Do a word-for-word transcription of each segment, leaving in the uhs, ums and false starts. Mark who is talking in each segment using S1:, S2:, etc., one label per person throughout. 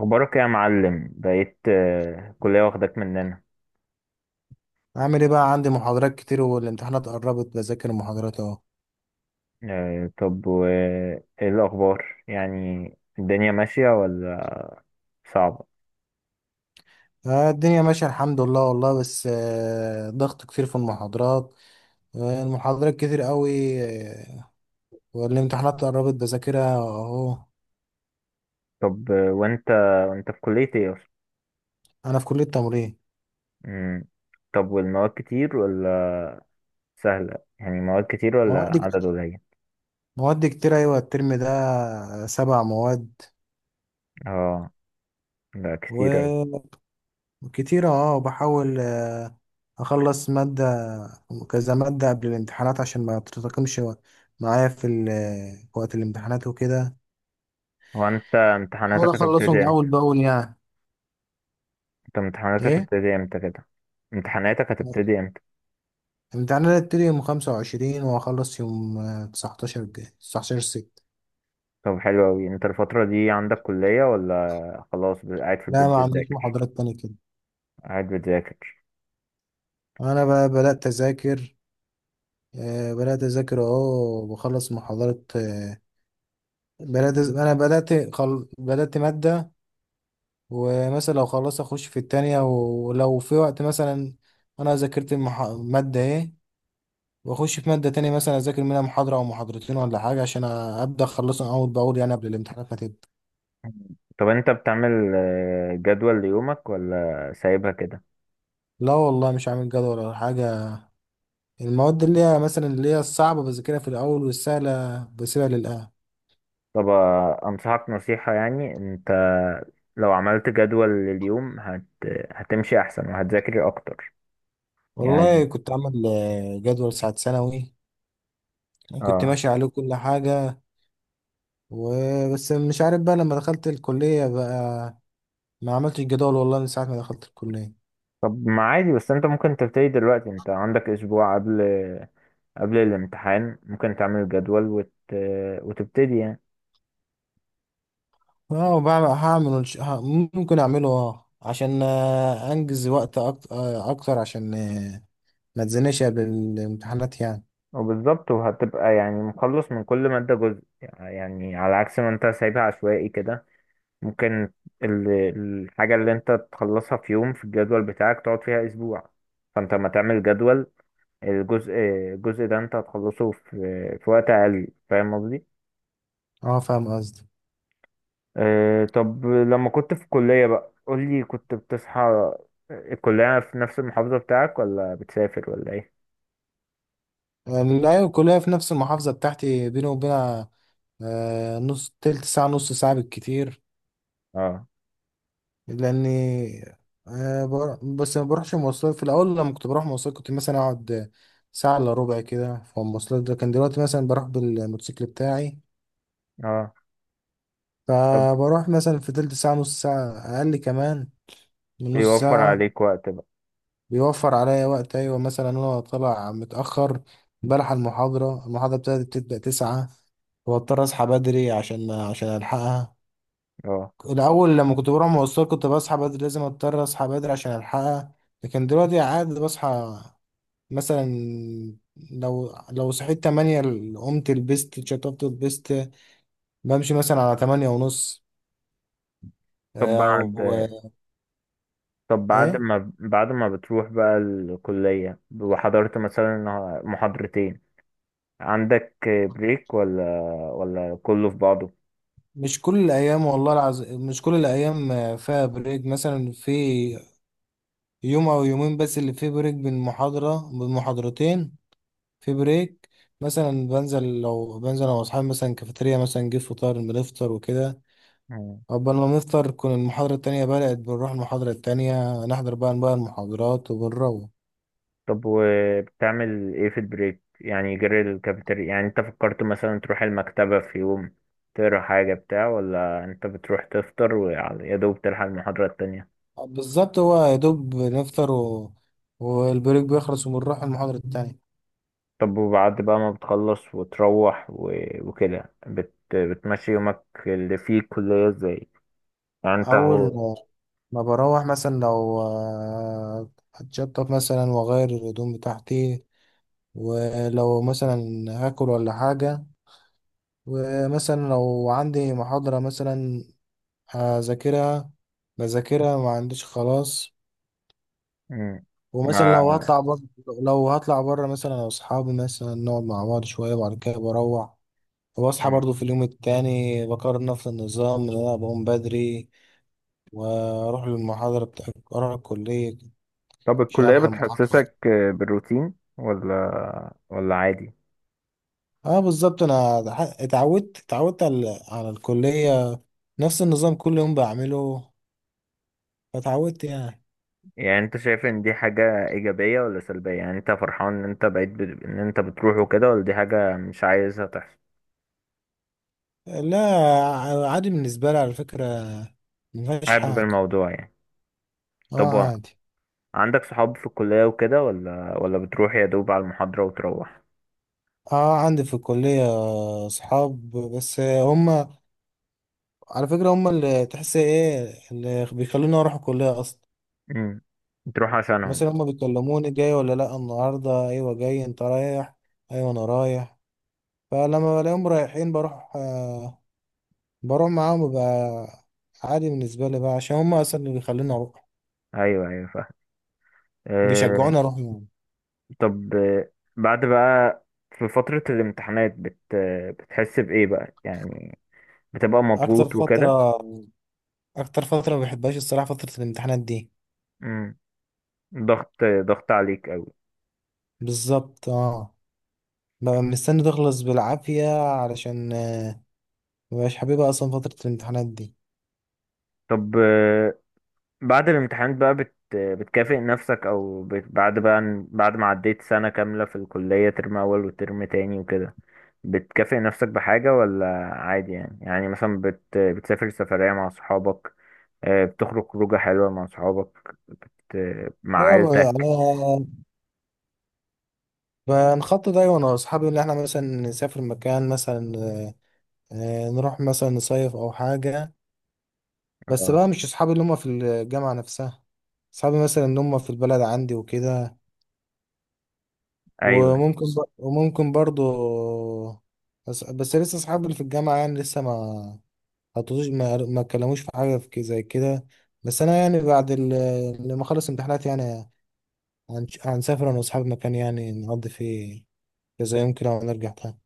S1: اخبارك إيه يا معلم بقيت آه، كلية واخدك مننا.
S2: عامل ايه بقى. عندي محاضرات كتير والامتحانات قربت، بذاكر المحاضرات اهو.
S1: آه، طب وايه الاخبار؟ يعني الدنيا ماشية ولا صعبة؟
S2: آه، الدنيا ماشية الحمد لله والله، بس آه، ضغط كتير في المحاضرات. آه، المحاضرات كتير قوي. آه، والامتحانات قربت، بذاكرها اهو.
S1: طب آه، وانت وانت في كلية ايه اصلا؟
S2: انا في كلية تمريض.
S1: مم. طب والمواد كتير ولا سهلة؟ يعني مواد كتير ولا
S2: مواد
S1: عدد
S2: كت-
S1: قليل؟
S2: مواد كتير، ايوه الترم ده آه، سبع مواد
S1: اه، ده كتير اوي.
S2: وكتير. اه بحاول آه، اخلص مادة، كذا مادة قبل الامتحانات عشان ما تتراكمش معايا في ال- في وقت الامتحانات وكده،
S1: هو انت
S2: حاول
S1: امتحاناتك
S2: اخلصهم
S1: هتبتدي امتى؟
S2: اول باول يعني.
S1: انت امتحاناتك
S2: ايه،
S1: هتبتدي امتى كده؟ امتحاناتك هتبتدي امتى؟
S2: امتحاننا هتبتدي يوم خمسة وعشرين وهخلص يوم آه، تسعتاشر الجاي، تسعتاشر ستة.
S1: طب حلو اوي، انت الفترة دي عندك كلية ولا خلاص قاعد في البيت
S2: لا، ما عنديش
S1: بتذاكر؟
S2: محاضرات تاني كده.
S1: قاعد بتذاكر؟
S2: انا بقى بدأت اذاكر، آه، بدأت اذاكر اهو، بخلص محاضرات آه، بدأت أز- انا بدأت خل... بدأت مادة، ومثلا لو خلصت اخش في التانية، ولو في وقت مثلا انا ذاكرت المح... مادة ايه، واخش في مادة تانية مثلا اذاكر منها محاضرة او محاضرتين ولا حاجة عشان أ- ابدأ اخلصهم اول باول يعني قبل الامتحانات ما تبدأ.
S1: طب انت بتعمل آه، جدول ليومك ولا سايبها كده؟
S2: لا والله، مش عامل جدول ولا حاجة. المواد اللي هي مثلا اللي هي الصعبة بذاكرها في الأول، والسهلة بسيبها للآخر.
S1: طب آه، انصحك نصيحة، يعني انت لو عملت جدول لليوم هت... هتمشي احسن وهتذاكر اكتر، يعني.
S2: والله كنت عامل آه، جدول ساعة ثانوي، كنت
S1: اه.
S2: ماشي عليه كل حاجة. وبس مش عارف بقى، لما دخلت الكلية بقى ما عملتش جدول والله من ساعة ما دخلت الكلية.
S1: طب ما عادي، بس انت ممكن تبتدي دلوقتي، انت عندك اسبوع قبل، قبل الامتحان ممكن تعمل جدول وت... وتبتدي يعني.
S2: اه، وبعمل هعمل إنش- ه- ممكن أعمله، اه عشان آه، أنجز وقت أكت- آه، أكتر، عشان آه، ما تزنقش قبل الامتحانات يعني.
S1: وبالظبط، وهتبقى يعني مخلص من كل مادة جزء، يعني على عكس ما انت سايبها عشوائي كده. ممكن ال- الحاجة اللي انت تخلصها في يوم في الجدول بتاعك تقعد فيها اسبوع، فانت لما تعمل جدول الجزء الجزء ده انت هتخلصه في في وقت اقل، فاهم قصدي؟
S2: اه، فاهم قصدي.
S1: اه. طب لما كنت في الكلية بقى قولي، كنت بتصحى؟ الكلية في نفس المحافظة بتاعك ولا بتسافر ولا ايه؟
S2: لا، الكلية في نفس المحافظة بتاعتي، بيني وبينها آه، نص تلت ساعة، نص ساعة بالكتير.
S1: اه،
S2: لأني آه، بر- بس ما بروحش مواصلات. في الأول لما كنت بروح مواصلات كنت مثلا أقعد ساعة إلا ربع كده في المواصلات، ده كان. دلوقتي مثلا بروح بالموتوسيكل بتاعي،
S1: اه. طب
S2: فبروح مثلا في تلت ساعة، نص ساعة، أقل كمان من نص
S1: بيوفر
S2: ساعة.
S1: عليك وقت بقى.
S2: بيوفر عليا وقت، أيوة. مثلا أنا طالع متأخر، بلحق المحاضرة المحاضرة بتاعتي بتبدأ تسعة، واضطر اصحى بدري عشان عشان الحقها.
S1: اه.
S2: الأول لما كنت بروح مواصلات كنت بصحى بدري، لازم أضطر أصحى بدري عشان ألحقها. لكن دلوقتي عادي بصحى مثلا، لو لو صحيت تمانية، ال- قمت لبست اتشطبت لبست، بمشي مثلا على تمانية ونص،
S1: طب
S2: أو.
S1: بعد طب بعد
S2: إيه،
S1: ما بعد ما بتروح بقى الكلية وحضرت مثلا محاضرتين، عندك بريك ولا ولا كله في بعضه؟
S2: مش كل الأيام والله العظيم، مش كل الأيام آه، فيها بريك. مثلا في يوم أو يومين بس اللي فيه بريك، بين محاضرة بين محاضرتين في بريك. مثلا بنزل، لو بنزل أنا وأصحابي مثلا كافيتيريا، مثلا نجيب فطار بنفطر وكده.
S1: مم.
S2: قبل ما نفطر تكون المحاضرة التانية بدأت، بنروح المحاضرة التانية نحضر بقى بقى المحاضرات، وبنروح.
S1: طب وبتعمل ايه في البريك؟ يعني جري الكافيتيريا؟ يعني انت فكرت مثلا تروح المكتبة في يوم تقرا حاجة بتاع ولا انت بتروح تفطر ويا دوب تلحق المحاضرة التانية؟
S2: بالظبط، هو يا دوب نفطر و... والبريك بيخلص، وبنروح المحاضرة التانية.
S1: طب وبعد بقى ما بتخلص وتروح و... وكده بت... بتمشي يومك اللي فيه الكلية ازاي، يعني انت
S2: أول
S1: هو؟
S2: ما بروح مثلا، لو آه، هتشطف مثلا وأغير الهدوم بتاعتي، ولو مثلا هاكل ولا حاجة. ومثلا لو عندي محاضرة مثلا هذاكرها، بذاكرها ما عنديش خلاص.
S1: مم.
S2: ومثلا
S1: ما
S2: لو هطلع بره، لو هطلع بره مثلا انا واصحابي مثلا نقعد مع بعض شويه، وبعد كده بروح. وبصحى
S1: مم.
S2: برضو في اليوم التاني بكرر نفس النظام، ان انا بقوم بدري واروح للمحاضره بتاع اروح الكليه
S1: طب
S2: عشان
S1: الكلية
S2: الحق المحاضره.
S1: بتحسسك بالروتين ولا ولا عادي؟
S2: اه بالظبط، انا ح- اتعودت اتعودت على على الكليه، نفس النظام كل يوم بعمله، فاتعودت يعني.
S1: يعني انت شايف ان دي حاجة ايجابية ولا سلبية؟ يعني انت فرحان ان انت بقيت ب... ان انت بتروح وكده، ولا دي حاجة مش عايزها تحصل؟
S2: لا، ع- عادي بالنسبه لي، على فكره مفيهاش
S1: حابب
S2: حاجه.
S1: الموضوع يعني؟
S2: اه
S1: طب و-
S2: عادي.
S1: عندك صحاب في الكلية وكده ولا ولا بتروح يا دوب على المحاضرة وتروح؟
S2: اه عندي في الكلية اصحاب، بس هم على فكرة هم اللي، تحس ايه، اللي بيخلوني اروح الكلية اصلا.
S1: امم بتروح عشانهم؟
S2: مثلا هم بيكلموني، جاي ولا لا؟ النهاردة، ايوه جاي، انت رايح؟ ايوه انا رايح. فلما بلاقيهم رايحين، بروح آه بروح معاهم بقى. عادي بالنسبة لي بقى، عشان هم اصلا اللي بيخلوني اروح،
S1: ايوه، ايوه، فاهم. اه.
S2: بيشجعوني اروح يعني.
S1: طب آه، بعد بقى في فترة الامتحانات بت... بتحس بإيه بقى يعني؟ بتبقى
S2: اكتر
S1: مضغوط وكده؟
S2: فترة، اكتر فترة ما بحبهاش الصراحة فترة الامتحانات دي.
S1: امم ضغط ضغط عليك قوي.
S2: بالظبط اه، ببقى مستني تخلص بالعافية، علشان مبقاش حاببها اصلا فترة الامتحانات دي.
S1: طب بعد الامتحانات بقى بت... بتكافئ نفسك او بت... بعد بقى بعد ما عديت سنة كاملة في الكلية، ترم اول وترم تاني وكده، بتكافئ نفسك بحاجة ولا عادي؟ يعني يعني مثلا بت... بتسافر سفرية مع صحابك، آه، بتخرج خروجة حلوة مع صحابك، بت... مع
S2: اه، انا
S1: عيلتك؟
S2: بنخطط دايما انا واصحابي ان احنا مثلا نسافر مكان مثلا، آه، آه، نروح مثلا نصيف او حاجة. بس
S1: اه،
S2: بقى مش اصحابي اللي هم في الجامعة نفسها، اصحابي مثلا اللي هم في البلد عندي وكده.
S1: ايوه،
S2: وممكن بر... وممكن برضو. بس, بس لسه اصحابي اللي في الجامعة يعني لسه ما حطوش، ما ما اتكلموش في حاجة، في كده- زي كده. بس انا يعني بعد ال- لما اخلص امتحانات يعني، هنش- هنسافر أنا وأصحابي مكان يعني، نقضي فيه كذا يوم كده ونرجع تاني.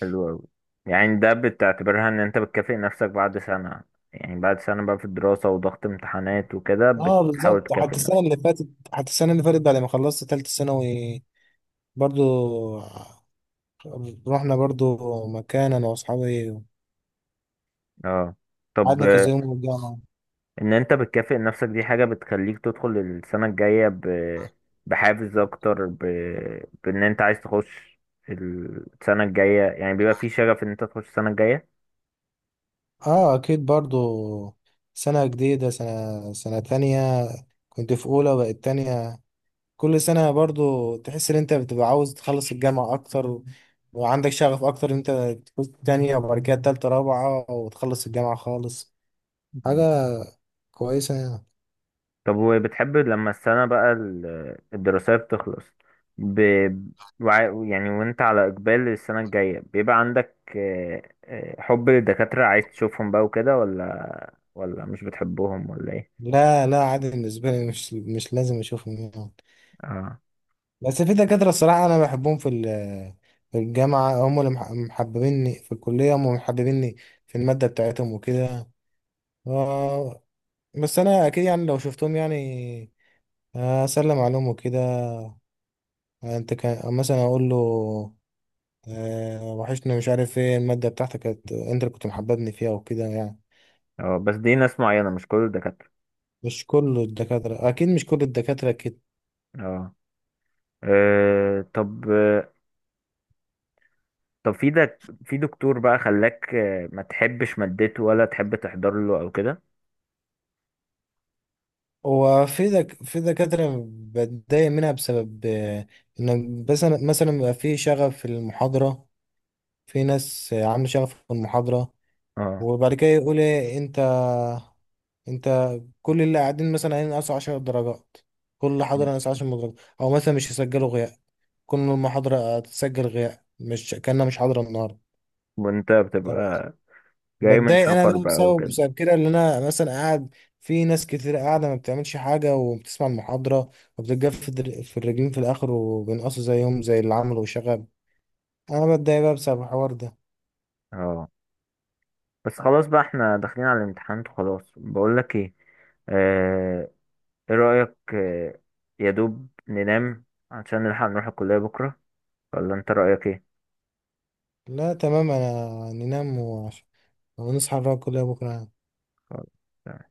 S1: حلو أوي. يعني ده بتعتبرها ان انت بتكافئ نفسك بعد سنة؟ يعني بعد سنة بقى في الدراسة وضغط امتحانات وكده
S2: اه
S1: بتحاول
S2: بالظبط،
S1: تكافئ
S2: حتى السنة
S1: نفسك.
S2: اللي فاتت، حتى السنة اللي فاتت بعد ما خلصت تالتة ثانوي برضو، رحنا برضو مكان أنا وأصحابي،
S1: اه. طب
S2: قعدنا كذا يوم ورجعنا.
S1: ان انت بتكافئ نفسك دي حاجة بتخليك تدخل السنة الجاية ب... بحافز اكتر، ب... بان انت عايز تخش السنة الجاية، يعني بيبقى في شغف ان انت تخش السنة الجاية.
S2: آه أكيد برضو، سنة جديدة، سنة سنة تانية. كنت في أولى بقت تانية. كل سنة برضو تحس ان انت بتبقى عاوز تخلص الجامعة اكتر، و... وعندك شغف اكتر، ان انت تكون تانية وبعد كده تالتة رابعة وتخلص الجامعة خالص. حاجة
S1: مم.
S2: كويسة يعني.
S1: طب وبتحب لما السنة بقى ال- الدراسية بتخلص، ب... وع- يعني وانت على اقبال السنة الجاية بيبقى عندك آه، آه، حب للدكاترة، عايز تشوفهم بقى وكده، ولا ولا مش بتحبهم ولا ايه؟
S2: لا لا، عادي بالنسبة لي، مش مش لازم اشوفهم يعني.
S1: اه.
S2: بس في دكاترة، الصراحة انا بحبهم في ال- في الجامعة، هم اللي مح- محببيني في الكلية، هم اللي محببيني في المادة بتاعتهم وكده. آه، بس انا اكيد يعني لو شفتهم يعني، آه، اسلم عليهم وكده. انت كان مثلا اقول له آه، وحشني، مش عارف ايه، المادة بتاعتك كانت انت اللي كنت محببني فيها وكده يعني.
S1: اه، بس دي ناس معينة مش كل الدكاترة.
S2: مش كل الدكاترة، اكيد مش كل الدكاترة كده.
S1: اه. آه، طب، طب في ده في دكتور بقى خلاك آه، ما تحبش مادته ولا تحب تحضر له او كده؟
S2: هو في دك... في دكاترة بتضايق منها بسبب آه، ان، بس أنا- مثلا بيبقى في شغف في المحاضرة، في ناس آه، عاملة شغف في المحاضرة،
S1: اه،
S2: وبعد كده يقول ايه، انت انت كل اللي قاعدين مثلا هينقصوا عشر درجات، كل حاضر هينقص عشر درجات، او مثلا مش يسجلوا غياب، كل المحاضرة هتسجل غياب مش كأنها مش حاضرة النهاردة.
S1: وانت بتبقى جاي من
S2: بتضايق انا
S1: سفر
S2: بقى
S1: بقى
S2: بسبب
S1: وكده.
S2: بسبب كده، اللي انا مثلا قاعد في ناس كتير قاعده ما بتعملش حاجه وبتسمع المحاضره، وبتتجف در- في الرجلين في الاخر، وبينقصوا زيهم زي اللي عملوا شغب. انا بتضايق بقى بسبب الحوار ده.
S1: اه، بس خلاص بقى، احنا داخلين على الامتحانات وخلاص. بقول لك ايه، آه، ايه رأيك آه، يا دوب ننام عشان نلحق نروح الكلية بكرة، ولا انت رأيك ايه؟
S2: لا تمام، انا ننام وعش- ونصحى نراقب كلها بكره.
S1: خلاص.